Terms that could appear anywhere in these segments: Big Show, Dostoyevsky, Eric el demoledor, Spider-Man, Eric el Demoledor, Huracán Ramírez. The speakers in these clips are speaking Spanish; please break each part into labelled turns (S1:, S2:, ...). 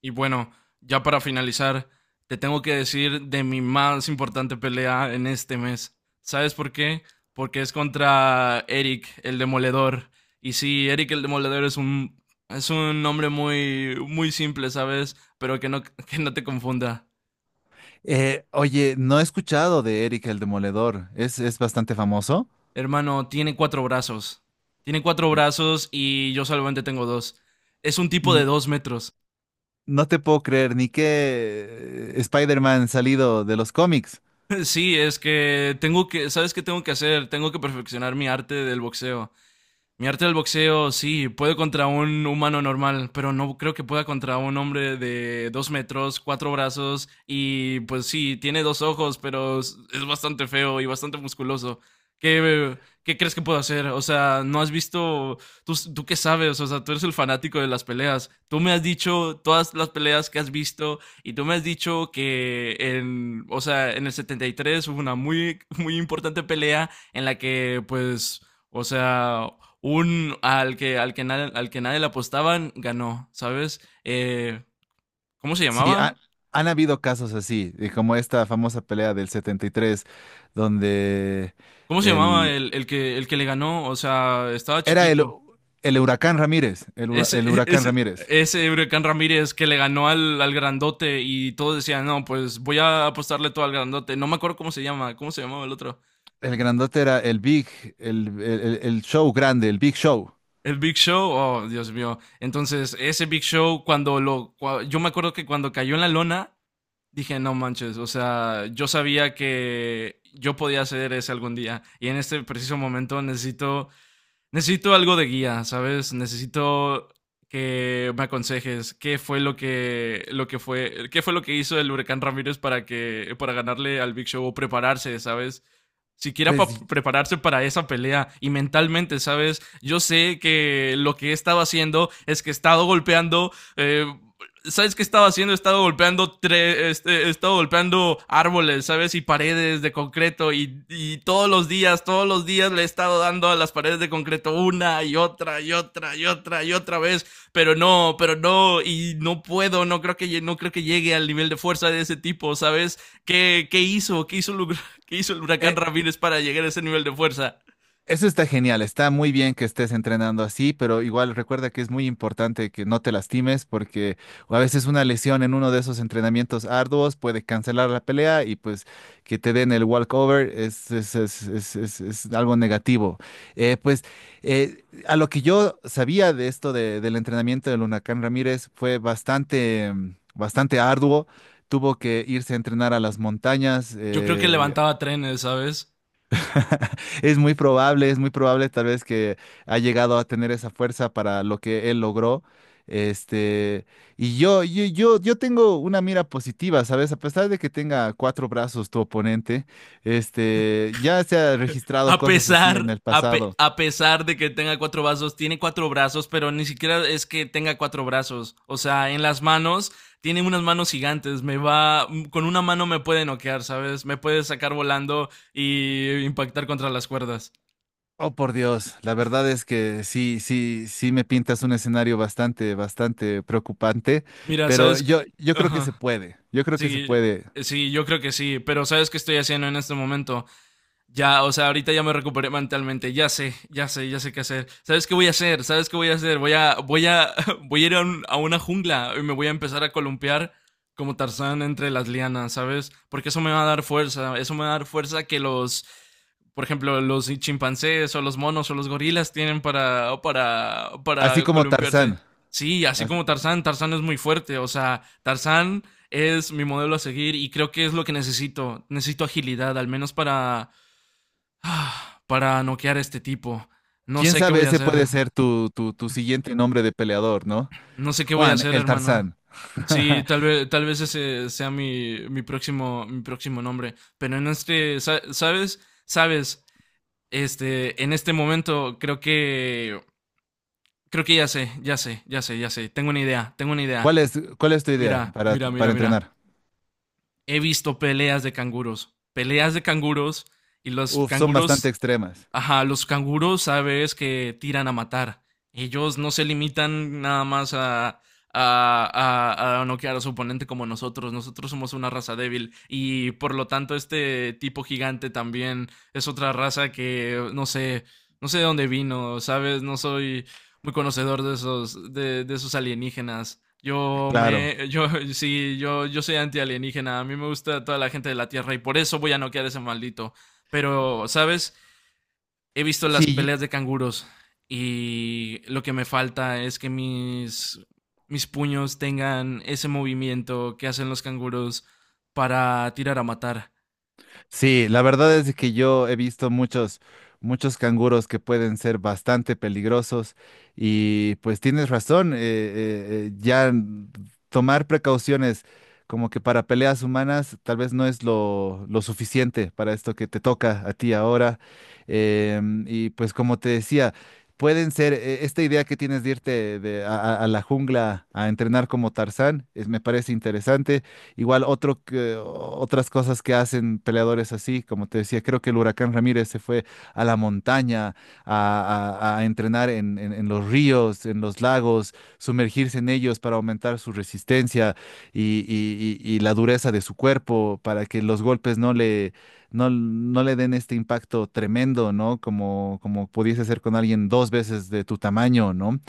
S1: Y bueno, ya para finalizar, te tengo que decir de mi más importante pelea en este mes. ¿Sabes por qué? Porque es contra Eric, el demoledor. Y sí, Eric el demoledor es un nombre muy muy simple, ¿sabes? Pero que no que no te confunda.
S2: No he escuchado de Eric el Demoledor. Es bastante famoso.
S1: Hermano, tiene cuatro brazos. Tiene cuatro brazos y yo solamente tengo dos. Es un tipo de
S2: N-
S1: 2 metros.
S2: no te puedo creer ni que Spider-Man salido de los cómics.
S1: Sí, es que tengo que, ¿sabes qué tengo que hacer? Tengo que perfeccionar mi arte del boxeo. Mi arte del boxeo, sí, puedo contra un humano normal, pero no creo que pueda contra un hombre de 2 metros, cuatro brazos y pues sí, tiene dos ojos, pero es bastante feo y bastante musculoso. ¿Qué, qué crees que puedo hacer? O sea, no has visto, tú qué sabes, o sea, tú eres el fanático de las peleas. Tú me has dicho todas las peleas que has visto y tú me has dicho que en, o sea, en el 73 hubo una muy, muy importante pelea en la que pues... O sea, un al que nadie le apostaban ganó, ¿sabes? ¿Cómo se
S2: Sí,
S1: llamaba?
S2: han habido casos así, como esta famosa pelea del 73, donde
S1: ¿Cómo se llamaba
S2: el,
S1: el que le ganó? O sea, estaba
S2: era
S1: chiquito.
S2: el Huracán Ramírez. El,
S1: Ese,
S2: el Huracán
S1: ese,
S2: Ramírez.
S1: ese Huracán Ramírez que le ganó al grandote y todos decían, no, pues voy a apostarle todo al grandote. No me acuerdo cómo se llamaba el otro.
S2: El grandote era el Big, el show grande, el Big Show.
S1: El Big Show, oh Dios mío. Entonces, ese Big Show, yo me acuerdo que cuando cayó en la lona, dije, no manches, o sea, yo sabía que yo podía hacer ese algún día y en este preciso momento necesito, necesito algo de guía, ¿sabes? Necesito que me aconsejes qué fue lo que hizo el huracán Ramírez para ganarle al Big Show o prepararse, ¿sabes? Siquiera para
S2: Pues.
S1: prepararse para esa pelea y mentalmente, ¿sabes? Yo sé que lo que he estado haciendo es que he estado golpeando eh, ¿sabes qué estaba haciendo? Estaba golpeando estaba golpeando árboles, ¿sabes? Y paredes de concreto. Y todos los días le he estado dando a las paredes de concreto una y otra y otra y otra y otra vez. Pero no, y no puedo, no creo que llegue al nivel de fuerza de ese tipo, ¿sabes? ¿Qué, qué hizo? ¿Qué hizo, el, ¿Qué hizo el huracán
S2: eh,
S1: Ramírez para llegar a ese nivel de fuerza?
S2: Eso está genial, está muy bien que estés entrenando así, pero igual recuerda que es muy importante que no te lastimes porque a veces una lesión en uno de esos entrenamientos arduos puede cancelar la pelea y pues que te den el walkover es algo negativo. Eh, pues a lo que yo sabía de esto del entrenamiento del Huracán Ramírez fue bastante, bastante arduo. Tuvo que irse a entrenar a las montañas,
S1: Yo creo que levantaba trenes, ¿sabes?
S2: Es muy probable tal vez que ha llegado a tener esa fuerza para lo que él logró. Este, y yo tengo una mira positiva, ¿sabes? A pesar de que tenga cuatro brazos tu oponente, este, ya se ha registrado
S1: A
S2: cosas así en
S1: pesar,
S2: el
S1: a, pe-
S2: pasado.
S1: a pesar de que tenga cuatro brazos, tiene cuatro brazos, pero ni siquiera es que tenga cuatro brazos. O sea, en las manos, tiene unas manos gigantes. Con una mano me puede noquear, ¿sabes? Me puede sacar volando y impactar contra las cuerdas.
S2: Oh, por Dios, la verdad es que sí, sí, sí me pintas un escenario bastante, bastante preocupante,
S1: Mira,
S2: pero
S1: ¿sabes?
S2: yo,
S1: Qué?
S2: yo creo que se
S1: Ajá.
S2: puede, yo creo que se
S1: Sí,
S2: puede,
S1: sí, yo creo que sí, pero ¿sabes qué estoy haciendo en este momento? Ya, o sea, ahorita ya me recuperé mentalmente. Ya sé, ya sé, ya sé qué hacer. ¿Sabes qué voy a hacer? ¿Sabes qué voy a hacer? Voy a ir a una jungla y me voy a empezar a columpiar como Tarzán entre las lianas, ¿sabes? Porque eso me va a dar fuerza. Eso me va a dar fuerza que los, por ejemplo, los chimpancés o los monos o los gorilas tienen para, para,
S2: así
S1: para
S2: como
S1: columpiarse.
S2: Tarzán.
S1: Sí, así como Tarzán, Tarzán es muy fuerte. O sea, Tarzán es mi modelo a seguir y creo que es lo que necesito. Necesito agilidad, al menos para para noquear a este tipo. No
S2: Quién
S1: sé qué
S2: sabe,
S1: voy a
S2: ese
S1: hacer.
S2: puede ser tu siguiente nombre de peleador, ¿no?
S1: No sé qué voy a
S2: Juan,
S1: hacer,
S2: el
S1: hermano.
S2: Tarzán.
S1: Sí, tal vez ese sea mi próximo nombre. Pero ¿sabes? ¿Sabes? En este momento creo que ya sé, ya sé, ya sé, ya sé. Tengo una idea, tengo una idea.
S2: ¿Cuál es, ¿Cuál es tu idea
S1: Mira, mira,
S2: para
S1: mira, mira.
S2: entrenar?
S1: He visto peleas de canguros. Peleas de canguros y los
S2: Uf, son bastante
S1: canguros,
S2: extremas.
S1: ajá, los canguros sabes que tiran a matar. Ellos no se limitan nada más a noquear a su oponente como nosotros. Nosotros somos una raza débil y por lo tanto este tipo gigante también es otra raza que no sé, no sé de dónde vino, ¿sabes? No soy muy conocedor de esos alienígenas. Yo
S2: Claro.
S1: me, yo, sí, yo soy antialienígena. A mí me gusta toda la gente de la Tierra y por eso voy a noquear a ese maldito. Pero, ¿sabes? He visto las
S2: Sí,
S1: peleas de canguros y lo que me falta es que mis puños tengan ese movimiento que hacen los canguros para tirar a matar.
S2: Sí, la verdad es que yo he visto muchos, muchos canguros que pueden ser bastante peligrosos y pues tienes razón, ya tomar precauciones como que para peleas humanas tal vez no es lo suficiente para esto que te toca a ti ahora. Y pues como te decía, pueden ser, esta idea que tienes de irte a, a la jungla a entrenar como Tarzán, es, me parece interesante. Igual otro otras cosas que hacen peleadores así, como te decía, creo que el Huracán Ramírez se fue a la montaña a, a entrenar en, en los ríos, en los lagos, sumergirse en ellos para aumentar su resistencia y la dureza de su cuerpo, para que los golpes no le, no le den este impacto tremendo, ¿no? Como, como pudiese ser con alguien dos veces de tu tamaño, ¿no?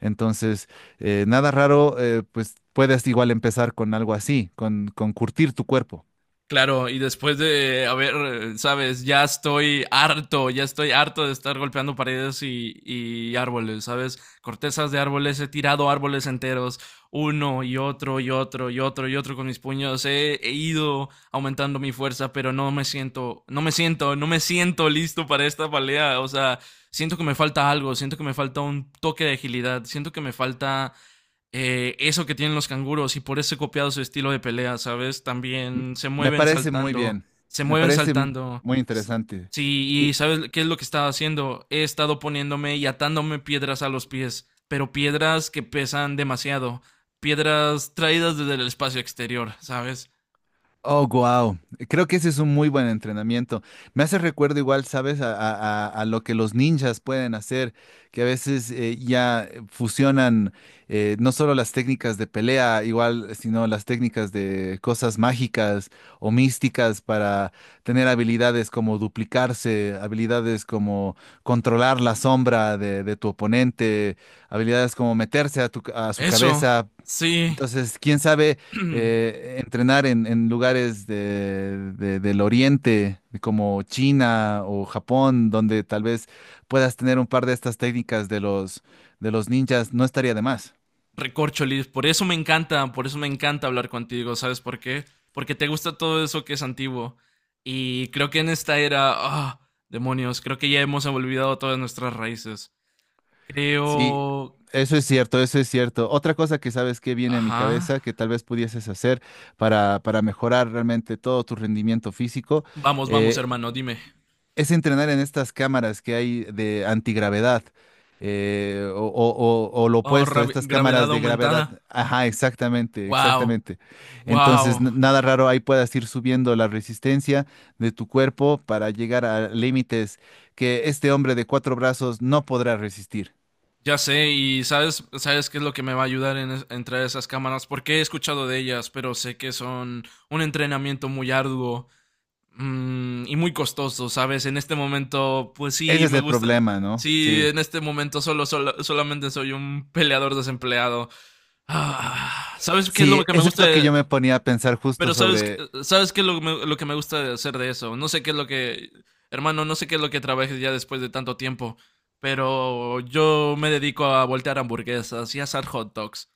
S2: Entonces... Nada raro, pues puedes igual empezar con algo así, con curtir tu cuerpo.
S1: Claro, y después de, a ver, sabes, ya estoy harto de estar golpeando paredes y árboles, ¿sabes? Cortezas de árboles, he tirado árboles enteros, uno y otro y otro y otro y otro con mis puños, he, he ido aumentando mi fuerza, pero no me siento, no me siento, no me siento listo para esta pelea, o sea, siento que me falta algo, siento que me falta un toque de agilidad, siento que me falta eso que tienen los canguros y por eso he copiado su estilo de pelea, ¿sabes?
S2: M-
S1: También se
S2: Me
S1: mueven
S2: parece muy
S1: saltando,
S2: bien,
S1: se
S2: me
S1: mueven
S2: parece
S1: saltando.
S2: muy
S1: S-
S2: interesante.
S1: Sí, y
S2: Y,
S1: ¿sabes qué es lo que estaba haciendo? He estado poniéndome y atándome piedras a los pies, pero piedras que pesan demasiado, piedras traídas desde el espacio exterior, ¿sabes?
S2: oh, wow. Creo que ese es un muy buen entrenamiento. Me hace recuerdo igual, ¿sabes? A, a lo que los ninjas pueden hacer, que a veces fusionan no solo las técnicas de pelea, igual, sino las técnicas de cosas mágicas o místicas para tener habilidades como duplicarse, habilidades como controlar la sombra de tu oponente, habilidades como meterse a tu, a su
S1: Eso,
S2: cabeza.
S1: sí.
S2: Entonces, quién sabe entrenar en lugares del Oriente, como China o Japón, donde tal vez puedas tener un par de estas técnicas de los ninjas, no estaría de más.
S1: Recorcholis, por eso me encanta, por eso me encanta hablar contigo, ¿sabes por qué? Porque te gusta todo eso que es antiguo. Y creo que en esta era, demonios, creo que ya hemos olvidado todas nuestras raíces.
S2: Sí,
S1: Creo...
S2: eso es cierto, eso es cierto. Otra cosa que sabes que viene a mi
S1: Ajá.
S2: cabeza, que tal vez pudieses hacer para mejorar realmente todo tu rendimiento físico,
S1: Vamos, vamos,
S2: eh,
S1: hermano, dime.
S2: es entrenar en estas cámaras que hay de antigravedad o, o lo
S1: Oh,
S2: opuesto, estas
S1: gravedad
S2: cámaras de
S1: aumentada.
S2: gravedad. Ajá, exactamente,
S1: Wow,
S2: exactamente. Entonces,
S1: wow.
S2: nada raro, ahí puedas ir subiendo la resistencia de tu cuerpo para llegar a límites que este hombre de cuatro brazos no podrá resistir.
S1: Ya sé, y sabes, sabes qué es lo que me va a ayudar en traer esas cámaras, porque he escuchado de ellas, pero sé que son un entrenamiento muy arduo y muy costoso, ¿sabes? En este momento, pues sí,
S2: Ese es
S1: me
S2: el
S1: gustan.
S2: problema, ¿no?
S1: Sí,
S2: Sí.
S1: en este momento solamente soy un peleador desempleado. Ah, ¿sabes qué es lo
S2: Sí,
S1: que me
S2: eso es
S1: gusta?
S2: lo que yo me ponía a pensar justo
S1: Pero
S2: sobre.
S1: ¿sabes qué es lo que me gusta de hacer de eso? No sé qué es lo que... Hermano, no sé qué es lo que trabajes ya después de tanto tiempo, pero yo me dedico a voltear hamburguesas y a asar hot dogs.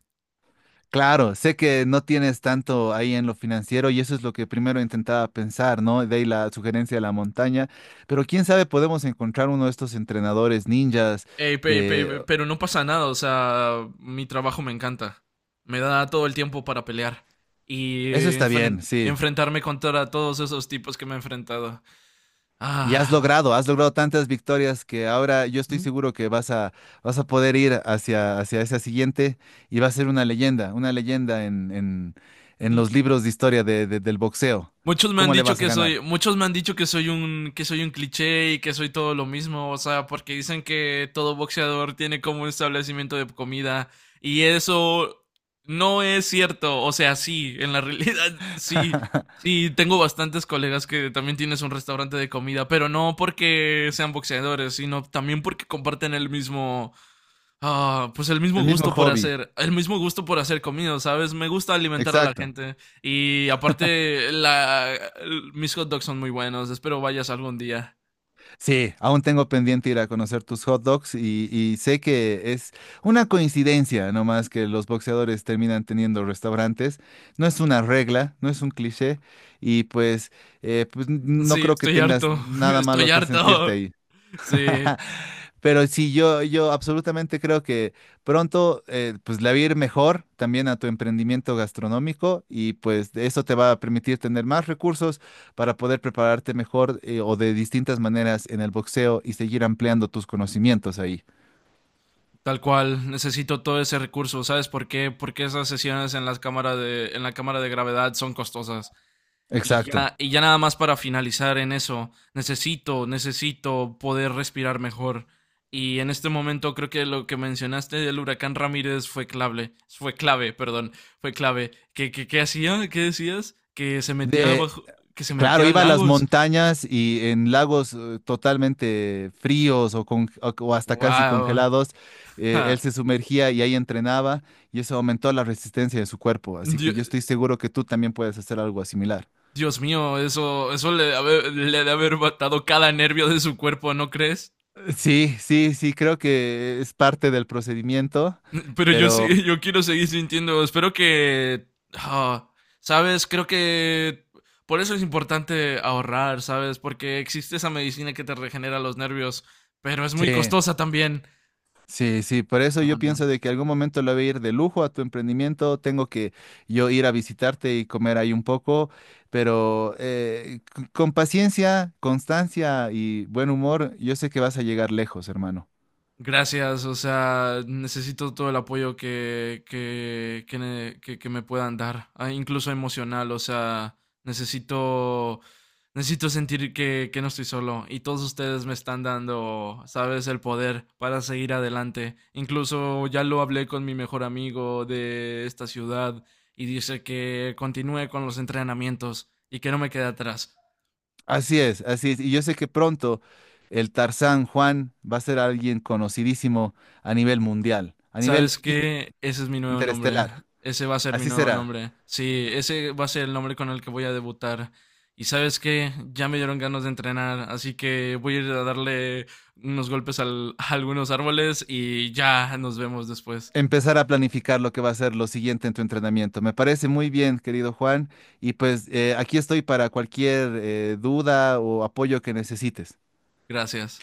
S2: Claro, sé que no tienes tanto ahí en lo financiero y eso es lo que primero intentaba pensar, ¿no? De ahí la sugerencia de la montaña, pero quién sabe, podemos encontrar uno de estos entrenadores ninjas
S1: Ey,
S2: de...
S1: pero no pasa nada, o sea, mi trabajo me encanta. Me da todo el tiempo para pelear
S2: Eso
S1: y
S2: está bien, sí.
S1: enfrentarme contra todos esos tipos que me he enfrentado.
S2: Y
S1: Ah,
S2: has logrado tantas victorias que ahora yo estoy seguro que vas a, vas a poder ir hacia, hacia esa siguiente y va a ser una leyenda en los libros de historia del boxeo.
S1: Muchos me han
S2: ¿Cómo le
S1: dicho
S2: vas a
S1: que soy,
S2: ganar?
S1: muchos me han dicho que soy un cliché y que soy todo lo mismo, o sea, porque dicen que todo boxeador tiene como un establecimiento de comida y eso no es cierto, o sea, sí, en la realidad sí, sí, tengo bastantes colegas que también tienes un restaurante de comida, pero no porque sean boxeadores, sino también porque comparten el mismo, pues
S2: El mismo hobby,
S1: el mismo gusto por hacer comida, ¿sabes? Me gusta alimentar a la
S2: exacto.
S1: gente y aparte mis hot dogs son muy buenos, espero vayas algún día.
S2: Sí, aún tengo pendiente ir a conocer tus hot dogs y sé que es una coincidencia nomás que los boxeadores terminan teniendo restaurantes. No es una regla, no es un cliché y pues, pues no
S1: Sí,
S2: creo que
S1: estoy
S2: tengas
S1: harto,
S2: nada
S1: estoy
S2: malo que sentirte
S1: harto.
S2: ahí.
S1: Sí,
S2: Pero sí, yo absolutamente creo que pronto pues le va a ir mejor también a tu emprendimiento gastronómico y pues de eso te va a permitir tener más recursos para poder prepararte mejor, o de distintas maneras en el boxeo y seguir ampliando tus conocimientos ahí.
S1: tal cual, necesito todo ese recurso, ¿sabes por qué? Porque esas sesiones en en la cámara de gravedad son costosas.
S2: Exacto.
S1: Y ya nada más para finalizar en eso, necesito, necesito poder respirar mejor. Y en este momento creo que lo que mencionaste del huracán Ramírez fue clave, perdón, fue clave. ¿Qué hacía? ¿Qué decías? Que se metía
S2: De- Claro,
S1: a
S2: iba a las
S1: lagos.
S2: montañas y en lagos totalmente fríos o, o hasta casi
S1: Wow.
S2: congelados, él se sumergía y ahí entrenaba y eso aumentó la resistencia de su cuerpo. Así que
S1: Dios,
S2: yo estoy seguro que tú también puedes hacer algo similar.
S1: Dios mío, eso le debe haber matado cada nervio de su cuerpo, ¿no crees?
S2: Sí, sí, sí, creo que es parte del procedimiento,
S1: Pero yo sí,
S2: pero
S1: yo quiero seguir sintiendo. Espero que. ah, ¿Sabes? Creo que. Por eso es importante ahorrar, ¿sabes? Porque existe esa medicina que te regenera los nervios, pero es muy
S2: sí.
S1: costosa también.
S2: Sí, sí, por eso yo pienso
S1: Vámonos.
S2: de que algún momento le voy a ir de lujo a tu emprendimiento, tengo que yo ir a visitarte y comer ahí un poco, pero con paciencia, constancia y buen humor, yo sé que vas a llegar lejos, hermano.
S1: Gracias, o sea, necesito todo el apoyo que me puedan dar, incluso emocional, o sea, necesito, necesito sentir que no estoy solo y todos ustedes me están dando, sabes, el poder para seguir adelante. Incluso ya lo hablé con mi mejor amigo de esta ciudad y dice que continúe con los entrenamientos y que no me quede atrás.
S2: Así es, y yo sé que pronto el Tarzán Juan va a ser alguien conocidísimo a nivel mundial, a nivel
S1: ¿Sabes qué? Ese es mi nuevo nombre.
S2: interestelar.
S1: Ese va a ser mi
S2: Así
S1: nuevo
S2: será.
S1: nombre. Sí, ese va a ser el nombre con el que voy a debutar. Y sabes qué, ya me dieron ganas de entrenar, así que voy a ir a darle unos golpes a algunos árboles y ya nos vemos después.
S2: Empezar a planificar lo que va a ser lo siguiente en tu entrenamiento. Me parece muy bien, querido Juan, y pues aquí estoy para cualquier duda o apoyo que necesites.
S1: Gracias.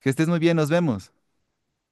S2: Que estés muy bien, nos vemos.